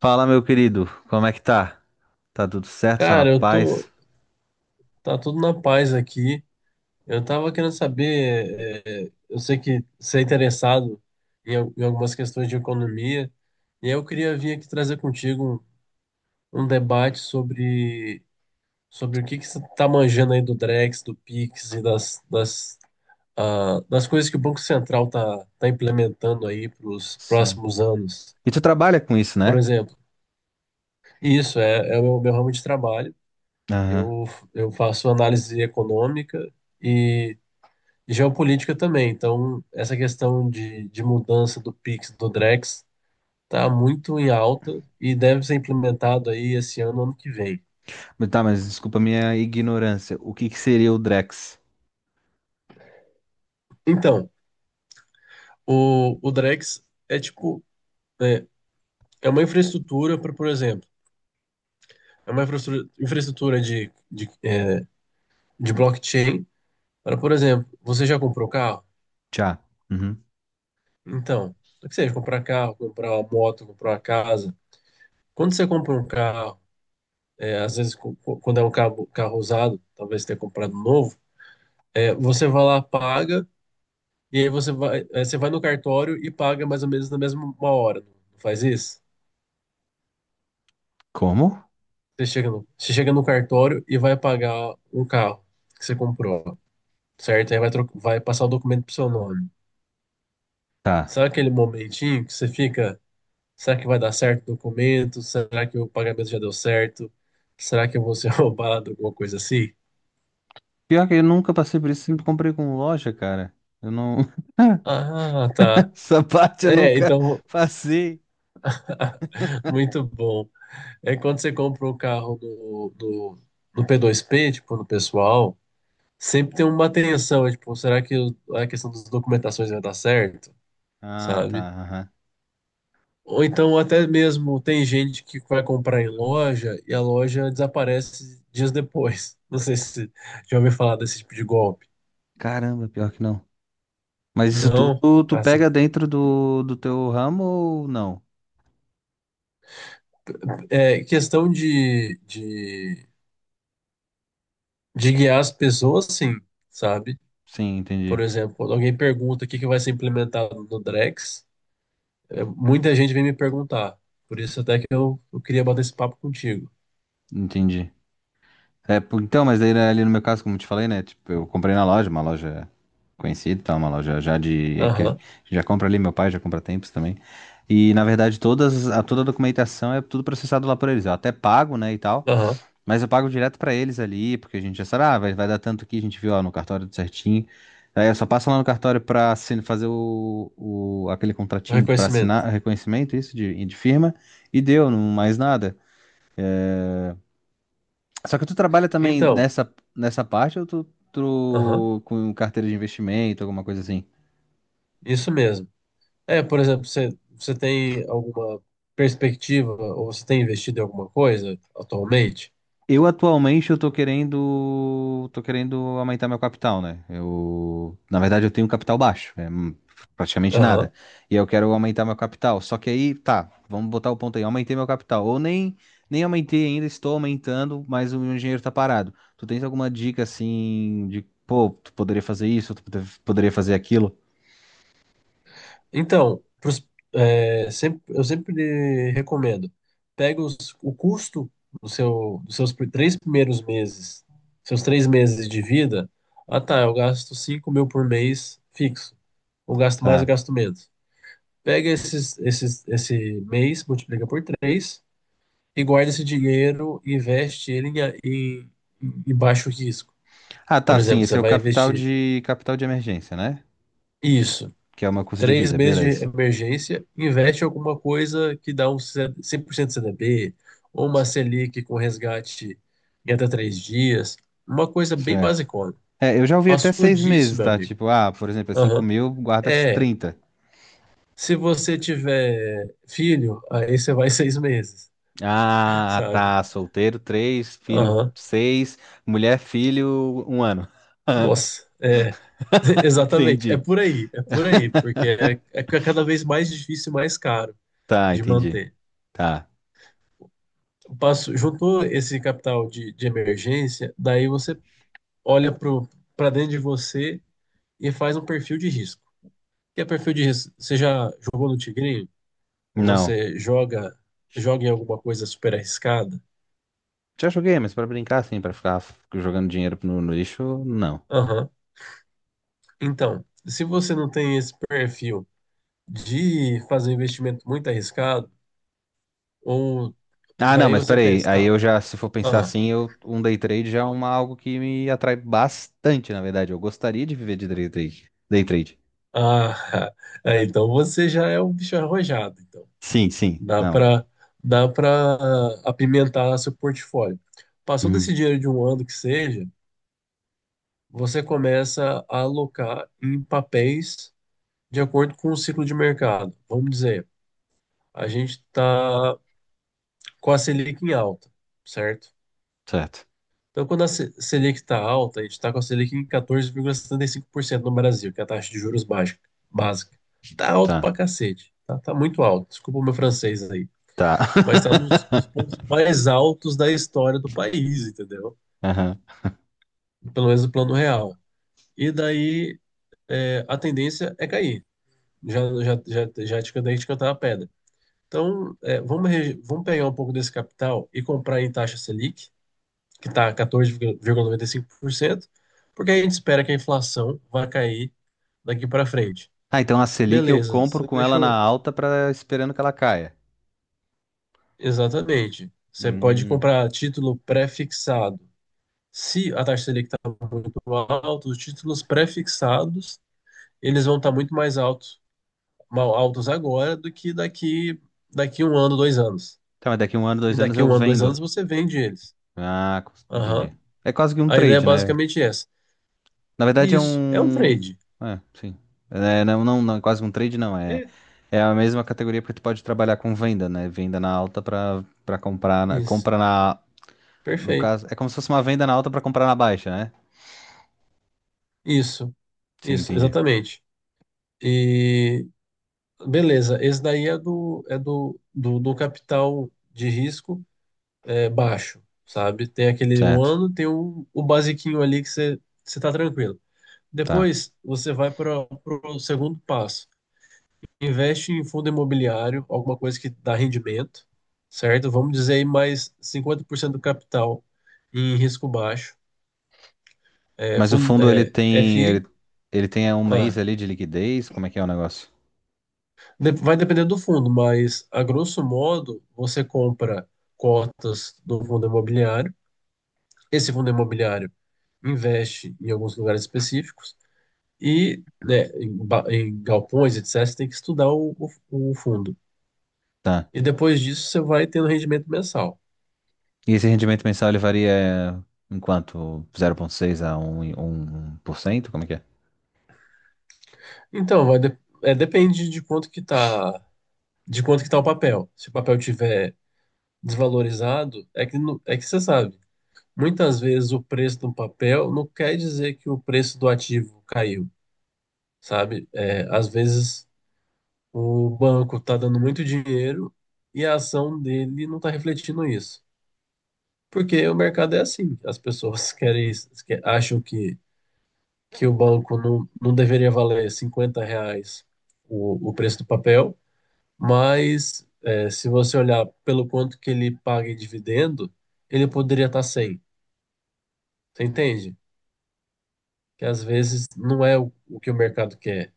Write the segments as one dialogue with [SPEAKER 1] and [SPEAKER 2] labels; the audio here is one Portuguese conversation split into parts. [SPEAKER 1] Fala, meu querido, como é que tá? Tá tudo certo? Só na
[SPEAKER 2] Cara, eu tô.
[SPEAKER 1] paz?
[SPEAKER 2] Tá tudo na paz aqui. Eu tava querendo saber. Eu sei que você é interessado em, em algumas questões de economia, e aí eu queria vir aqui trazer contigo um debate sobre, sobre o que que você tá manjando aí do Drex, do Pix e das coisas que o Banco Central tá implementando aí para os
[SPEAKER 1] Sim.
[SPEAKER 2] próximos anos.
[SPEAKER 1] E tu trabalha com isso,
[SPEAKER 2] Por
[SPEAKER 1] né?
[SPEAKER 2] exemplo, isso é o meu ramo de trabalho.
[SPEAKER 1] Aham.
[SPEAKER 2] Eu, eu faço análise econômica, geopolítica também. Então, essa questão de mudança do Pix, do Drex, está muito em alta e deve ser implementado aí esse ano, ano que vem.
[SPEAKER 1] Mas tá, mas desculpa a minha ignorância. O que que seria o Drex?
[SPEAKER 2] Então, o Drex é é, é uma infraestrutura para, por exemplo, é infraestrutura de blockchain para, por exemplo, você já comprou carro?
[SPEAKER 1] Tchá. Uhum.
[SPEAKER 2] Então, o que seja, comprar carro, comprar uma moto, comprar uma casa. Quando você compra um carro, às vezes, quando é um carro usado, talvez você tenha comprado novo. É, você vai lá, paga, e aí você vai, você vai no cartório e paga mais ou menos na mesma hora. Não faz isso?
[SPEAKER 1] Como?
[SPEAKER 2] Você chega no cartório e vai pagar um carro que você comprou, certo? Aí vai, vai passar o documento pro seu nome.
[SPEAKER 1] Tá.
[SPEAKER 2] Sabe aquele momentinho que você fica, será que vai dar certo o documento? Será que o pagamento já deu certo? Será que eu vou ser roubado? Alguma coisa assim?
[SPEAKER 1] Pior que eu nunca passei por isso, sempre comprei com loja, cara. Eu não.
[SPEAKER 2] Ah, tá.
[SPEAKER 1] Essa parte eu
[SPEAKER 2] É,
[SPEAKER 1] nunca
[SPEAKER 2] então,
[SPEAKER 1] passei.
[SPEAKER 2] muito bom. É quando você compra o carro do P2P, tipo, no pessoal, sempre tem uma atenção, tipo, será que a questão das documentações vai dar certo,
[SPEAKER 1] Ah, tá,
[SPEAKER 2] sabe?
[SPEAKER 1] aham.
[SPEAKER 2] Ou então até mesmo tem gente que vai comprar em loja e a loja desaparece dias depois. Não sei se já ouviu falar desse tipo de golpe.
[SPEAKER 1] Caramba, pior que não. Mas isso tudo
[SPEAKER 2] Não.
[SPEAKER 1] tu, tu pega
[SPEAKER 2] Assim,
[SPEAKER 1] dentro do teu ramo ou não?
[SPEAKER 2] é questão de guiar as pessoas, sim, sabe?
[SPEAKER 1] Sim,
[SPEAKER 2] Por
[SPEAKER 1] entendi.
[SPEAKER 2] exemplo, quando alguém pergunta o que que vai ser implementado no Drex, é, muita gente vem me perguntar. Por isso até que eu queria bater esse papo contigo.
[SPEAKER 1] Entendi. É, pô, então, mas daí né, ali no meu caso, como eu te falei, né? Tipo, eu comprei na loja, uma loja conhecida, e tal, uma loja já de, que a gente
[SPEAKER 2] Aham,
[SPEAKER 1] já compra ali, meu pai já compra há tempos também. E na verdade, todas, a, toda a documentação é tudo processado lá por eles. Eu até pago, né, e tal,
[SPEAKER 2] aham.
[SPEAKER 1] mas eu pago direto pra eles ali, porque a gente já sabe, ah, vai, vai dar tanto aqui, a gente viu ó, no cartório tudo certinho. Aí eu só passo lá no cartório pra fazer o, aquele contratinho pra assinar
[SPEAKER 2] Reconhecimento.
[SPEAKER 1] reconhecimento, isso, de firma, e deu, não mais nada. Só que tu trabalha também
[SPEAKER 2] Então,
[SPEAKER 1] nessa parte ou tu,
[SPEAKER 2] aham,
[SPEAKER 1] tu com carteira de investimento, alguma coisa assim?
[SPEAKER 2] isso mesmo. É, por exemplo, você tem alguma perspectiva ou você tem investido em alguma coisa atualmente?
[SPEAKER 1] Eu atualmente eu tô querendo aumentar meu capital, né? Eu, na verdade eu tenho um capital baixo, é praticamente
[SPEAKER 2] Aham.
[SPEAKER 1] nada. E eu quero aumentar meu capital. Só que aí, tá, vamos botar o ponto aí, aumentei meu capital ou nem aumentei ainda, estou aumentando, mas o meu dinheiro tá parado. Tu tens alguma dica assim de, pô, tu poderia fazer isso, poderia fazer aquilo?
[SPEAKER 2] Então, eu sempre recomendo, pega o custo do seu, dos seus pr- 3 primeiros meses, seus 3 meses de vida. Ah, tá, eu gasto 5 mil por mês fixo, ou gasto mais ou
[SPEAKER 1] Tá.
[SPEAKER 2] gasto menos. Pega esse mês, multiplica por 3 e guarda esse dinheiro e investe ele em, em baixo risco.
[SPEAKER 1] Ah,
[SPEAKER 2] Por
[SPEAKER 1] tá, sim,
[SPEAKER 2] exemplo, você
[SPEAKER 1] esse é o
[SPEAKER 2] vai investir
[SPEAKER 1] capital de emergência, né?
[SPEAKER 2] isso,
[SPEAKER 1] Que é uma custo de
[SPEAKER 2] três
[SPEAKER 1] vida,
[SPEAKER 2] meses de
[SPEAKER 1] beleza.
[SPEAKER 2] emergência, investe em alguma coisa que dá um 100% CDB, ou uma Selic com resgate em até 3 dias, uma coisa bem
[SPEAKER 1] Certo.
[SPEAKER 2] basicona.
[SPEAKER 1] É, eu já ouvi até
[SPEAKER 2] Passou
[SPEAKER 1] seis
[SPEAKER 2] disso,
[SPEAKER 1] meses,
[SPEAKER 2] meu
[SPEAKER 1] tá?
[SPEAKER 2] amigo.
[SPEAKER 1] Tipo, ah, por exemplo, é 5
[SPEAKER 2] Aham.
[SPEAKER 1] mil, guardas
[SPEAKER 2] É,
[SPEAKER 1] 30.
[SPEAKER 2] se você tiver filho, aí você vai 6 meses,
[SPEAKER 1] Ah,
[SPEAKER 2] sabe?
[SPEAKER 1] tá, solteiro, três, filho,
[SPEAKER 2] Aham.
[SPEAKER 1] seis, mulher, filho, 1 ano.
[SPEAKER 2] Nossa, é. Exatamente.
[SPEAKER 1] Entendi.
[SPEAKER 2] É por aí, porque é cada vez mais difícil e mais caro
[SPEAKER 1] Tá,
[SPEAKER 2] de
[SPEAKER 1] entendi.
[SPEAKER 2] manter.
[SPEAKER 1] Tá.
[SPEAKER 2] Passo, juntou esse capital de emergência, daí você olha para dentro de você e faz um perfil de risco. O que é perfil de risco? Você já jogou no Tigrinho? Ou
[SPEAKER 1] Não.
[SPEAKER 2] você joga, joga em alguma coisa super arriscada?
[SPEAKER 1] Já joguei, mas pra brincar, assim, pra ficar jogando dinheiro no lixo, não.
[SPEAKER 2] Aham. Então, se você não tem esse perfil de fazer um investimento muito arriscado, ou
[SPEAKER 1] Ah, não,
[SPEAKER 2] daí
[SPEAKER 1] mas
[SPEAKER 2] você
[SPEAKER 1] peraí.
[SPEAKER 2] pensa,
[SPEAKER 1] Aí
[SPEAKER 2] tá?
[SPEAKER 1] eu já, se for pensar
[SPEAKER 2] Ah,
[SPEAKER 1] assim, eu, um day trade já é uma, algo que me atrai bastante, na verdade. Eu gostaria de viver de day trade. Day trade.
[SPEAKER 2] ah, é, então você já é um bicho arrojado, então
[SPEAKER 1] Sim, sim.
[SPEAKER 2] dá
[SPEAKER 1] Não.
[SPEAKER 2] para dá para apimentar seu portfólio. Passou desse
[SPEAKER 1] Uhum,
[SPEAKER 2] dinheiro de 1 ano que seja, você começa a alocar em papéis de acordo com o ciclo de mercado. Vamos dizer, a gente está com a Selic em alta, certo?
[SPEAKER 1] certo.
[SPEAKER 2] Então, quando a Selic está alta, a gente está com a Selic em 14,75% no Brasil, que é a taxa de juros básica. Tá alto
[SPEAKER 1] Tá.
[SPEAKER 2] pra cacete. Tá muito alto. Desculpa o meu francês aí.
[SPEAKER 1] Tá.
[SPEAKER 2] Mas tá nos pontos mais altos da história do país, entendeu?
[SPEAKER 1] Aham.
[SPEAKER 2] Pelo menos no plano real. E daí, é, a tendência é cair. Já te cantei de cantar a pedra. Então, é, vamos pegar um pouco desse capital e comprar em taxa Selic que está 14,95%, porque a gente espera que a inflação vai cair daqui para frente.
[SPEAKER 1] Ah, então a Selic eu
[SPEAKER 2] Beleza,
[SPEAKER 1] compro
[SPEAKER 2] você
[SPEAKER 1] com ela na
[SPEAKER 2] deixou.
[SPEAKER 1] alta para esperando que ela caia.
[SPEAKER 2] Exatamente. Você pode
[SPEAKER 1] Hum.
[SPEAKER 2] comprar título pré-fixado. Se a taxa Selic está muito alta, os títulos pré-fixados eles vão estar muito mais altos, mal altos agora do que daqui 1 ano, 2 anos.
[SPEAKER 1] Então, mas daqui um ano,
[SPEAKER 2] E
[SPEAKER 1] dois anos
[SPEAKER 2] daqui
[SPEAKER 1] eu
[SPEAKER 2] 1 ano, 2 anos
[SPEAKER 1] vendo.
[SPEAKER 2] você vende eles.
[SPEAKER 1] Ah,
[SPEAKER 2] Aham.
[SPEAKER 1] entendi. É quase que um
[SPEAKER 2] A ideia é
[SPEAKER 1] trade, né?
[SPEAKER 2] basicamente é essa.
[SPEAKER 1] Na verdade é
[SPEAKER 2] Isso, é um
[SPEAKER 1] um.
[SPEAKER 2] trade.
[SPEAKER 1] É, sim. É, né, quase um trade não. É,
[SPEAKER 2] É,
[SPEAKER 1] é a mesma categoria porque tu pode trabalhar com venda, né? Venda na alta pra, pra comprar. Na,
[SPEAKER 2] isso,
[SPEAKER 1] compra na. No
[SPEAKER 2] perfeito.
[SPEAKER 1] caso, é como se fosse uma venda na alta pra comprar na baixa, né?
[SPEAKER 2] Isso.
[SPEAKER 1] Sim,
[SPEAKER 2] Isso,
[SPEAKER 1] entendi.
[SPEAKER 2] exatamente. E beleza, esse daí é do capital de risco, é, baixo, sabe? Tem aquele um
[SPEAKER 1] Certo.
[SPEAKER 2] ano, tem o basiquinho ali que você tá tranquilo.
[SPEAKER 1] Tá.
[SPEAKER 2] Depois você vai para o segundo passo. Investe em fundo imobiliário, alguma coisa que dá rendimento, certo? Vamos dizer aí mais 50% do capital em risco baixo. É,
[SPEAKER 1] Mas o
[SPEAKER 2] fundo,
[SPEAKER 1] fundo ele
[SPEAKER 2] é,
[SPEAKER 1] tem. Ele,
[SPEAKER 2] FI.
[SPEAKER 1] ele tem é, um mês
[SPEAKER 2] Ah.
[SPEAKER 1] ali de liquidez? Como é que é o negócio?
[SPEAKER 2] De- vai depender do fundo, mas a grosso modo você compra cotas do fundo imobiliário. Esse fundo imobiliário investe em alguns lugares específicos e, né, em, em galpões, etc. Você tem que estudar o fundo.
[SPEAKER 1] Tá.
[SPEAKER 2] E depois disso você vai tendo rendimento mensal.
[SPEAKER 1] E esse rendimento mensal ele varia é, em quanto? 0,6 a 1%. Como é que é?
[SPEAKER 2] Então, depende de quanto que tá, de quanto que tá o papel. Se o papel tiver desvalorizado, é que, é que você sabe. Muitas vezes o preço do papel não quer dizer que o preço do ativo caiu, sabe? É, às vezes o banco está dando muito dinheiro e a ação dele não está refletindo isso. Porque o mercado é assim, as pessoas querem, acham que o banco não, não deveria valer 50 reais o preço do papel, mas é, se você olhar pelo quanto que ele paga em dividendo, ele poderia estar 100, você entende? Que às vezes não é o que o mercado quer,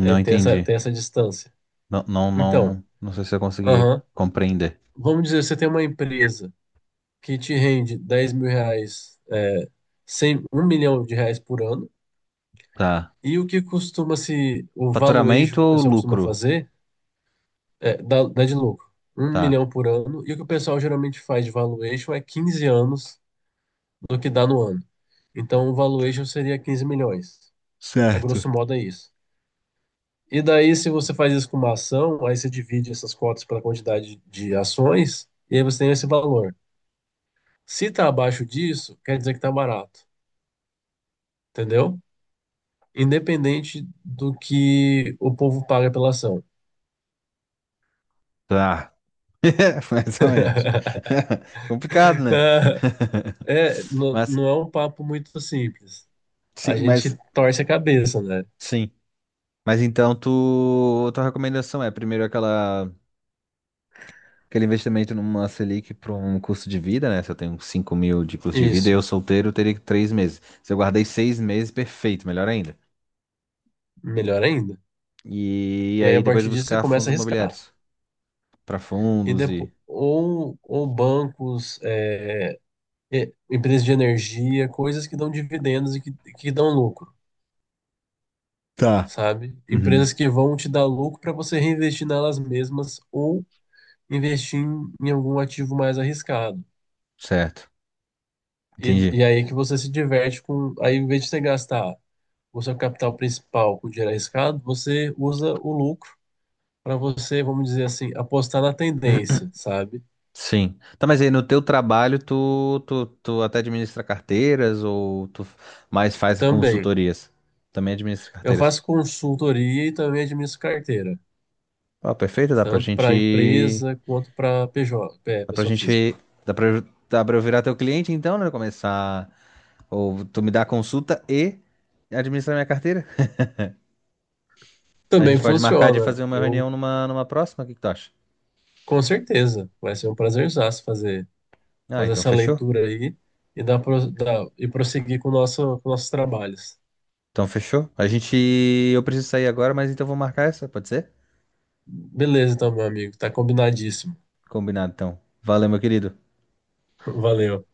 [SPEAKER 2] é,
[SPEAKER 1] entendi.
[SPEAKER 2] tem essa distância. Então,
[SPEAKER 1] Não sei se eu consegui compreender.
[SPEAKER 2] vamos dizer, você tem uma empresa que te rende 10 mil reais, é, 100, 1 milhão de reais por ano,
[SPEAKER 1] Tá.
[SPEAKER 2] e o que costuma se, o
[SPEAKER 1] Faturamento
[SPEAKER 2] valuation que o
[SPEAKER 1] ou
[SPEAKER 2] pessoal costuma
[SPEAKER 1] lucro?
[SPEAKER 2] fazer é, dá, dá de lucro, um
[SPEAKER 1] Tá.
[SPEAKER 2] milhão por ano, e o que o pessoal geralmente faz de valuation é 15 anos do que dá no ano. Então o valuation seria 15 milhões, a
[SPEAKER 1] Certo.
[SPEAKER 2] grosso modo é isso. E daí, se você faz isso com uma ação, aí você divide essas cotas pela quantidade de ações, e aí você tem esse valor. Se está abaixo disso, quer dizer que está barato, entendeu? Independente do que o povo paga pela ação.
[SPEAKER 1] Tá. É, mais ou menos. Complicado, né?
[SPEAKER 2] É, não,
[SPEAKER 1] Mas,
[SPEAKER 2] não é um papo muito simples. A
[SPEAKER 1] sim, mas,
[SPEAKER 2] gente torce a cabeça, né?
[SPEAKER 1] sim. Mas então, tu, tua recomendação é primeiro aquela, aquele investimento numa Selic para um custo de vida, né? Se eu tenho 5 mil de custo de vida e
[SPEAKER 2] Isso,
[SPEAKER 1] eu solteiro, eu teria 3 meses. Se eu guardei 6 meses, perfeito, melhor ainda.
[SPEAKER 2] melhor ainda.
[SPEAKER 1] E,
[SPEAKER 2] E aí,
[SPEAKER 1] aí
[SPEAKER 2] a
[SPEAKER 1] depois
[SPEAKER 2] partir disso, você
[SPEAKER 1] buscar fundos
[SPEAKER 2] começa a arriscar.
[SPEAKER 1] imobiliários, para
[SPEAKER 2] E
[SPEAKER 1] fundos e
[SPEAKER 2] depois, ou bancos, é, empresas de energia, coisas que dão dividendos e que dão lucro,
[SPEAKER 1] tá.
[SPEAKER 2] sabe?
[SPEAKER 1] Uhum,
[SPEAKER 2] Empresas que vão te dar lucro para você reinvestir nelas mesmas ou investir em, em algum ativo mais arriscado.
[SPEAKER 1] certo.
[SPEAKER 2] E,
[SPEAKER 1] Entendi.
[SPEAKER 2] e aí que você se diverte com. Aí, em vez de você gastar o seu capital principal com dinheiro arriscado, você usa o lucro para você, vamos dizer assim, apostar na tendência, sabe?
[SPEAKER 1] Sim. Tá, mas aí no teu trabalho tu até administra carteiras ou tu mais faz
[SPEAKER 2] Também.
[SPEAKER 1] consultorias? Também administra
[SPEAKER 2] Eu
[SPEAKER 1] carteiras.
[SPEAKER 2] faço consultoria e também administro carteira,
[SPEAKER 1] Ó, perfeito, dá pra
[SPEAKER 2] tanto para
[SPEAKER 1] gente.
[SPEAKER 2] empresa quanto para PJ, é,
[SPEAKER 1] Dá pra
[SPEAKER 2] pessoa física.
[SPEAKER 1] gente. Dá pra, dá pra eu virar teu cliente então, né? Começar. Ou tu me dá consulta e administra minha carteira? A
[SPEAKER 2] Também
[SPEAKER 1] gente pode marcar de fazer
[SPEAKER 2] funciona.
[SPEAKER 1] uma
[SPEAKER 2] Eu,
[SPEAKER 1] reunião numa próxima, o que que tu acha?
[SPEAKER 2] com certeza, vai ser um prazerzaço fazer,
[SPEAKER 1] Ah,
[SPEAKER 2] fazer
[SPEAKER 1] então
[SPEAKER 2] essa
[SPEAKER 1] fechou.
[SPEAKER 2] leitura aí e, dar, e prosseguir com, o nosso, com nossos trabalhos.
[SPEAKER 1] Então fechou. A gente. Eu preciso sair agora, mas então vou marcar essa, pode ser?
[SPEAKER 2] Beleza, então, meu amigo. Tá combinadíssimo.
[SPEAKER 1] Combinado, então. Valeu, meu querido.
[SPEAKER 2] Valeu.